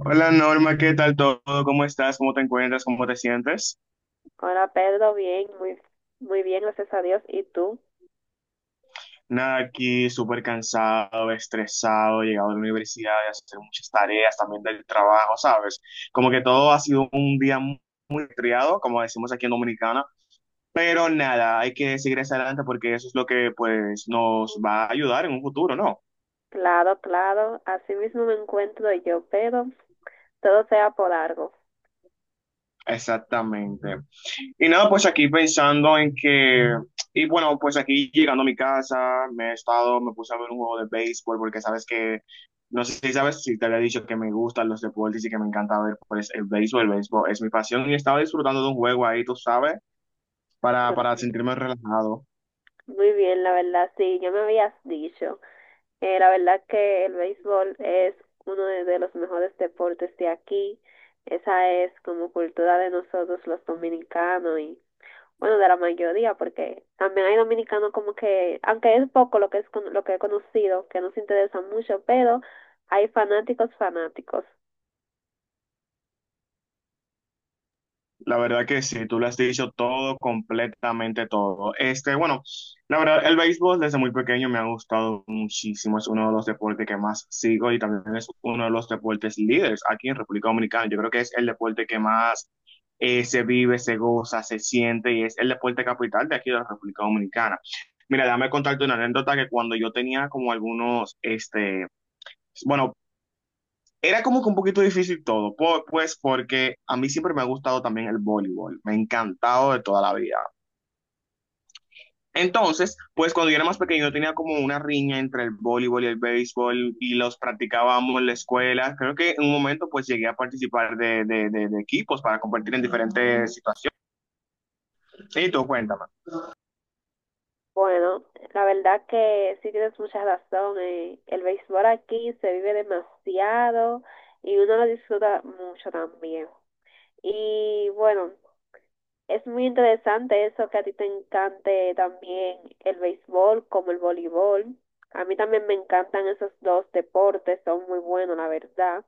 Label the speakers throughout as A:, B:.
A: Hola Norma, ¿qué tal todo? ¿Cómo estás? ¿Cómo te encuentras? ¿Cómo te sientes?
B: Hola Pedro, bien, muy bien, gracias a Dios. ¿Y tú?
A: Nada, aquí súper cansado, estresado, llegado de la universidad, de hacer muchas tareas, también del trabajo, ¿sabes? Como que todo ha sido un día muy triado, como decimos aquí en Dominicana, pero nada, hay que seguir hacia adelante porque eso es lo que pues nos va a ayudar en un futuro, ¿no?
B: Claro, claro, así mismo me encuentro yo, pero todo sea por algo.
A: Exactamente. Y nada, pues aquí pensando en que, y bueno, pues aquí llegando a mi casa, me he estado, me puse a ver un juego de béisbol porque sabes que, no sé si sabes, si te había dicho que me gustan los deportes y que me encanta ver pues el béisbol es mi pasión y estaba disfrutando de un juego ahí, tú sabes, para,
B: Claro.
A: para
B: Sí.
A: sentirme relajado.
B: Muy bien, la verdad, sí, ya me habías dicho. La verdad que el béisbol es uno de los mejores deportes de aquí. Esa es como cultura de nosotros los dominicanos y bueno, de la mayoría, porque también hay dominicanos como que, aunque es poco lo que es lo que he conocido, que no se interesan mucho, pero hay fanáticos.
A: La verdad que sí, tú lo has dicho todo, completamente todo. Este, bueno, la verdad, el béisbol desde muy pequeño me ha gustado muchísimo. Es uno de los deportes que más sigo y también es uno de los deportes líderes aquí en República Dominicana. Yo creo que es el deporte que más se vive, se goza, se siente y es el deporte capital de aquí de la República Dominicana. Mira, déjame contarte una anécdota que cuando yo tenía como algunos, este, bueno, era como que un poquito difícil todo, pues porque a mí siempre me ha gustado también el voleibol, me ha encantado de toda la vida. Entonces, pues cuando yo era más pequeño tenía como una riña entre el voleibol y el béisbol y los practicábamos en la escuela. Creo que en un momento pues llegué a participar de equipos para competir en Ah. diferentes situaciones. Sí, tú cuéntame.
B: Bueno, la verdad que sí tienes mucha razón. El béisbol aquí se vive demasiado y uno lo disfruta mucho también. Y bueno, es muy interesante eso que a ti te encante también el béisbol como el voleibol. A mí también me encantan esos dos deportes, son muy buenos, la verdad.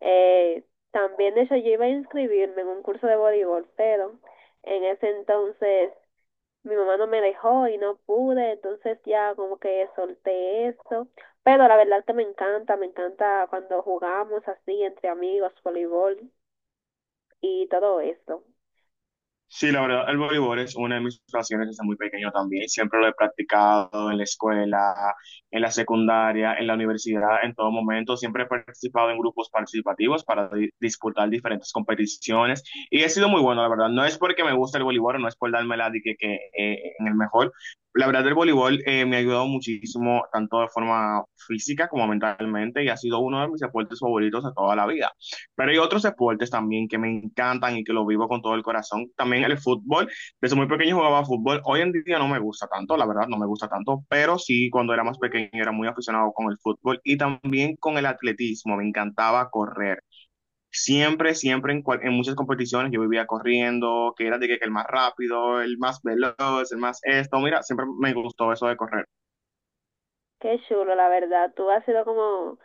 B: Eh, También, de hecho, yo iba a inscribirme en un curso de voleibol, pero en ese entonces mi mamá no me dejó y no pude, entonces ya como que solté eso. Pero la verdad que me encanta cuando jugamos así entre amigos, voleibol y todo eso.
A: Sí, la verdad, el voleibol es una de mis pasiones desde muy pequeño también. Siempre lo he practicado en la escuela, en la secundaria, en la universidad, en todo momento. Siempre he participado en grupos participativos para disputar diferentes competiciones y he sido muy bueno, la verdad. No es porque me gusta el voleibol, no es por darme la de que, en el mejor. La verdad, el voleibol me ha ayudado muchísimo, tanto de forma física como mentalmente, y ha sido uno de mis deportes favoritos de toda la vida. Pero hay otros deportes también que me encantan y que lo vivo con todo el corazón. También el fútbol. Desde muy pequeño jugaba fútbol. Hoy en día no me gusta tanto, la verdad, no me gusta tanto. Pero sí, cuando era más pequeño era muy aficionado con el fútbol y también con el atletismo. Me encantaba correr. Siempre, siempre en, en muchas competiciones yo vivía corriendo, que era de que el más rápido, el más veloz, el más esto. Mira, siempre me gustó eso de correr.
B: Qué chulo, la verdad. Tú has sido como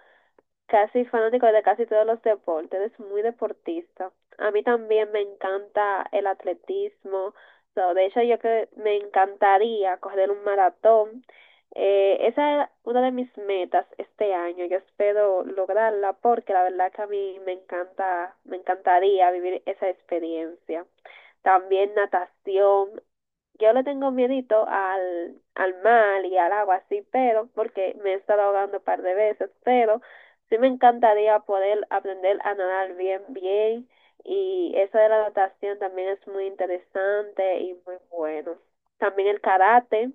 B: casi fanático de casi todos los deportes, eres muy deportista. A mí también me encanta el atletismo. So, de hecho, yo que me encantaría correr un maratón. Esa es una de mis metas este año. Yo espero lograrla porque la verdad que a mí me encanta, me encantaría vivir esa experiencia. También natación, yo le tengo miedito al mar y al agua, sí, pero porque me he estado ahogando un par de veces, pero sí me encantaría poder aprender a nadar bien, bien. Y eso de la natación también es muy interesante y muy bueno. También el karate,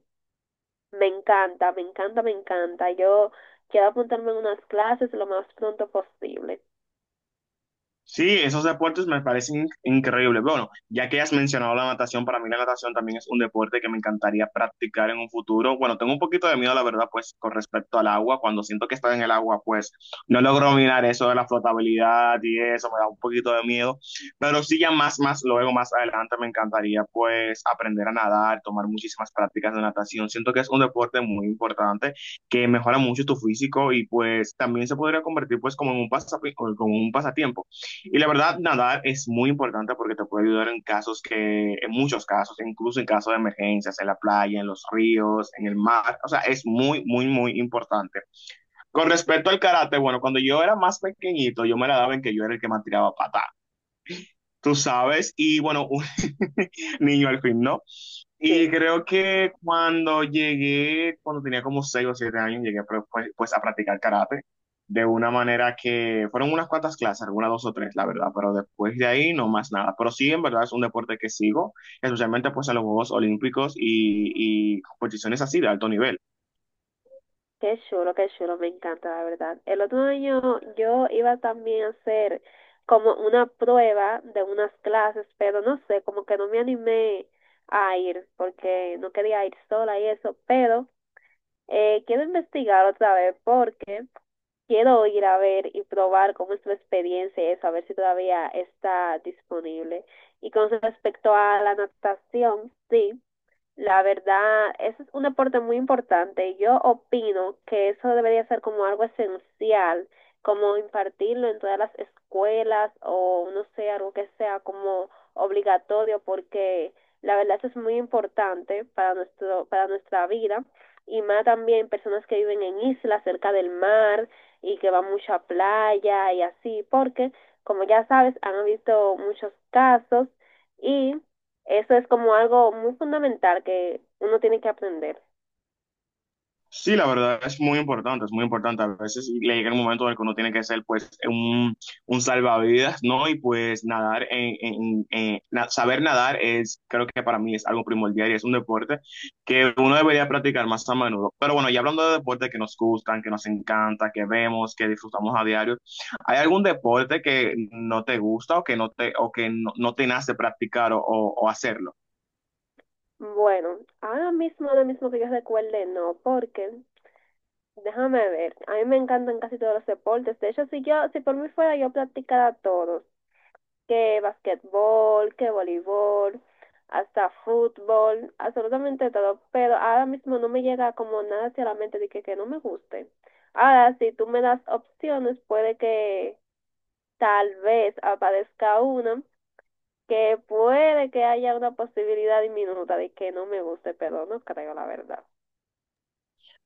B: me encanta. Yo quiero apuntarme en unas clases lo más pronto posible.
A: Sí, esos deportes me parecen increíbles. Bueno, ya que has mencionado la natación, para mí la natación también es un deporte que me encantaría practicar en un futuro. Bueno, tengo un poquito de miedo, la verdad, pues con respecto al agua. Cuando siento que estoy en el agua, pues no logro mirar eso de la flotabilidad y eso, me da un poquito de miedo. Pero sí, ya más, más luego, más adelante, me encantaría pues aprender a nadar, tomar muchísimas prácticas de natación. Siento que es un deporte muy importante que mejora mucho tu físico y pues también se podría convertir pues como en un como un pasatiempo. Y la verdad, nadar es muy importante porque te puede ayudar en casos que, en muchos casos, incluso en casos de emergencias, en la playa, en los ríos, en el mar. O sea, es muy, muy, muy importante. Con respecto al karate, bueno, cuando yo era más pequeñito, yo me la daba en que yo era el que más tiraba patada. Tú sabes, y bueno, un niño al fin, ¿no? Y
B: Sí.
A: creo que cuando llegué, cuando tenía como 6 o 7 años, llegué pues, pues a practicar karate de una manera que fueron unas cuantas clases, algunas dos o tres, la verdad, pero después de ahí no más nada. Pero sí, en verdad es un deporte que sigo, especialmente pues en los Juegos Olímpicos y competiciones así de alto nivel.
B: Qué chulo, me encanta, la verdad. El otro año yo iba también a hacer como una prueba de unas clases, pero no sé, como que no me animé a ir porque no quería ir sola y eso, pero quiero investigar otra vez porque quiero ir a ver y probar cómo es tu experiencia y eso, a ver si todavía está disponible. Y con respecto a la natación, sí. La verdad, eso es un aporte muy importante. Yo opino que eso debería ser como algo esencial, como impartirlo en todas las escuelas o no sé, algo que sea como obligatorio, porque la verdad eso es muy importante para para nuestra vida y más también personas que viven en islas cerca del mar y que van mucho a playa y así, porque como ya sabes, han visto muchos casos y eso es como algo muy fundamental que uno tiene que aprender.
A: Sí, la verdad es muy importante, es muy importante. A veces le llega el momento en el que uno tiene que ser pues un salvavidas, ¿no? Y pues nadar, en, saber nadar es, creo que para mí es algo primordial y es un deporte que uno debería practicar más a menudo. Pero bueno, ya hablando de deportes que nos gustan, que nos encanta, que vemos, que disfrutamos a diario, ¿hay algún deporte que no te gusta o que no te, o que no, no te nace practicar o, o hacerlo?
B: Bueno, ahora mismo que yo recuerde, no, porque déjame ver, a mí me encantan casi todos los deportes. De hecho, si por mí fuera, yo practicara todos, que basquetbol, que voleibol, hasta fútbol, absolutamente todo. Pero ahora mismo no me llega como nada hacia la mente de que no me guste. Ahora, si tú me das opciones, puede que tal vez aparezca una que puede que haya una posibilidad diminuta de que no me guste, pero no creo la verdad.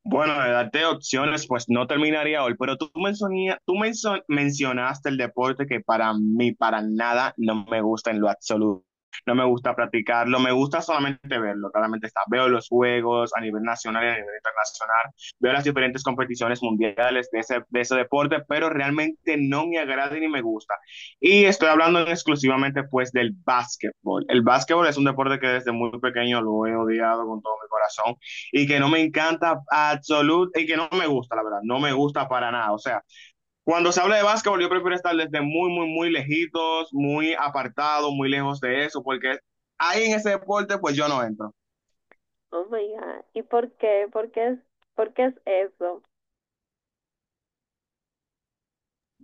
A: Bueno, de darte opciones, pues no terminaría hoy, pero tú, tú mencionaste el deporte que para mí, para nada, no me gusta en lo absoluto. No me gusta practicarlo, me gusta solamente verlo. Claramente está. Veo los juegos a nivel nacional y a nivel internacional, veo las diferentes competiciones mundiales de ese deporte, pero realmente no me agrada ni me gusta. Y estoy hablando exclusivamente pues del básquetbol. El básquetbol es un deporte que desde muy pequeño lo he odiado con todo mi corazón y que no me encanta absolutamente, y que no me gusta, la verdad, no me gusta para nada. O sea, cuando se habla de básquetbol, yo prefiero estar desde muy, muy, muy lejitos, muy apartado, muy lejos de eso, porque ahí en ese deporte, pues yo no entro.
B: Oh my God. ¿Y por qué? Por qué es eso?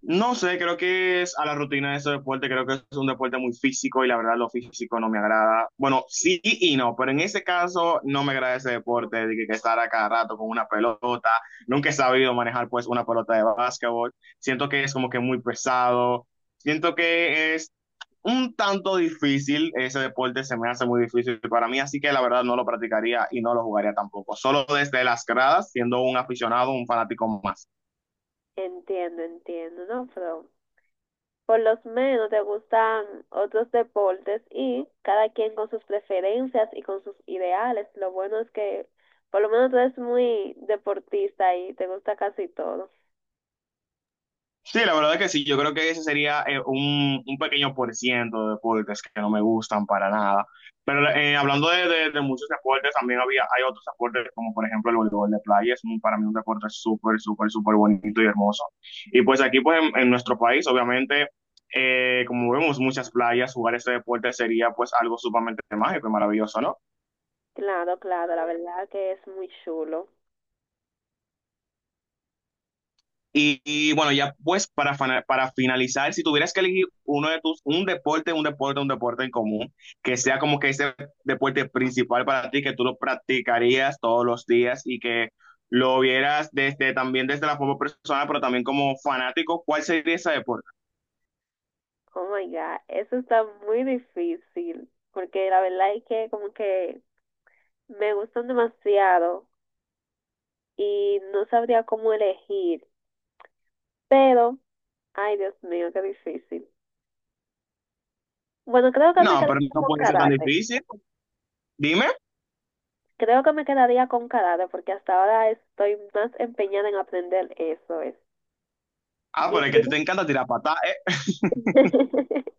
A: No sé, creo que es a la rutina de ese deporte, creo que es un deporte muy físico y la verdad lo físico no me agrada. Bueno, sí y no, pero en ese caso no me agrada ese deporte de que estar a cada rato con una pelota. Nunca he sabido manejar pues una pelota de básquetbol. Siento que es como que muy pesado. Siento que es un tanto difícil, ese deporte se me hace muy difícil para mí, así que la verdad no lo practicaría y no lo jugaría tampoco. Solo desde las gradas, siendo un aficionado, un fanático más.
B: Entiendo, entiendo, ¿no? Pero por lo menos te gustan otros deportes y cada quien con sus preferencias y con sus ideales. Lo bueno es que por lo menos tú eres muy deportista y te gusta casi todo.
A: Sí, la verdad que sí, yo creo que ese sería un pequeño por ciento de deportes que no me gustan para nada. Pero hablando de, de muchos deportes, también había, hay otros deportes como por ejemplo el voleibol de playa, es para mí un deporte súper, súper, súper bonito y hermoso. Y pues aquí pues en nuestro país, obviamente, como vemos muchas playas, jugar este deporte sería pues algo sumamente mágico y maravilloso, ¿no?
B: Claro, claro, la verdad que es muy chulo.
A: Y bueno, ya pues para, para finalizar, si tuvieras que elegir uno de tus, un deporte, un deporte, un deporte en común, que sea como que ese deporte principal para ti, que tú lo practicarías todos los días y que lo vieras desde también desde la forma personal, pero también como fanático, ¿cuál sería ese deporte?
B: Oh my God, eso está muy difícil, porque la verdad es que como que me gustan demasiado y no sabría cómo elegir, pero, ay Dios mío, qué difícil. Bueno, creo que me
A: No,
B: quedaría
A: pero no
B: con
A: puede ser tan
B: karate,
A: difícil. Dime.
B: creo que me quedaría con karate, porque hasta ahora estoy más empeñada en aprender eso es.
A: Ah,
B: ¿Y
A: pero es que a ti te
B: tú?
A: encanta tirar patada.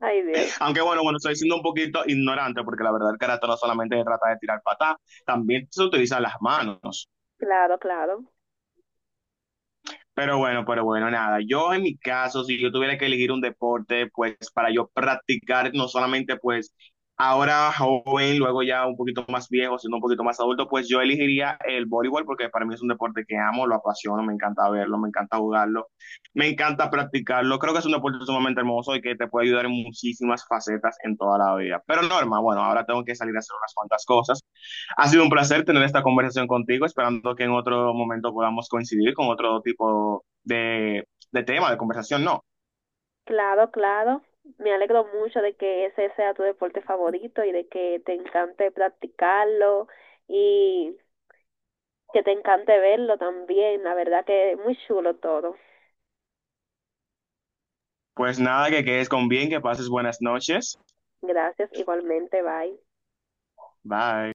B: Ay Dios,
A: Aunque bueno, bueno, estoy siendo un poquito ignorante porque la verdad el karate no solamente se trata de tirar patada, también se utilizan las manos.
B: claro, claro.
A: Pero bueno, nada. Yo en mi caso, si yo tuviera que elegir un deporte, pues para yo practicar, no solamente pues ahora joven, luego ya un poquito más viejo, siendo un poquito más adulto, pues yo elegiría el voleibol porque para mí es un deporte que amo, lo apasiono, me encanta verlo, me encanta jugarlo, me encanta practicarlo. Creo que es un deporte sumamente hermoso y que te puede ayudar en muchísimas facetas en toda la vida. Pero Norma, bueno, ahora tengo que salir a hacer unas cuantas cosas, ha sido un placer tener esta conversación contigo, esperando que en otro momento podamos coincidir con otro tipo de tema, de conversación, no.
B: Claro, claro. Me alegro mucho de que ese sea tu deporte favorito y de que te encante practicarlo y que te encante verlo también. La verdad que muy chulo todo.
A: Pues nada, que quedes con bien, que pases buenas noches.
B: Gracias, igualmente, bye.
A: Bye.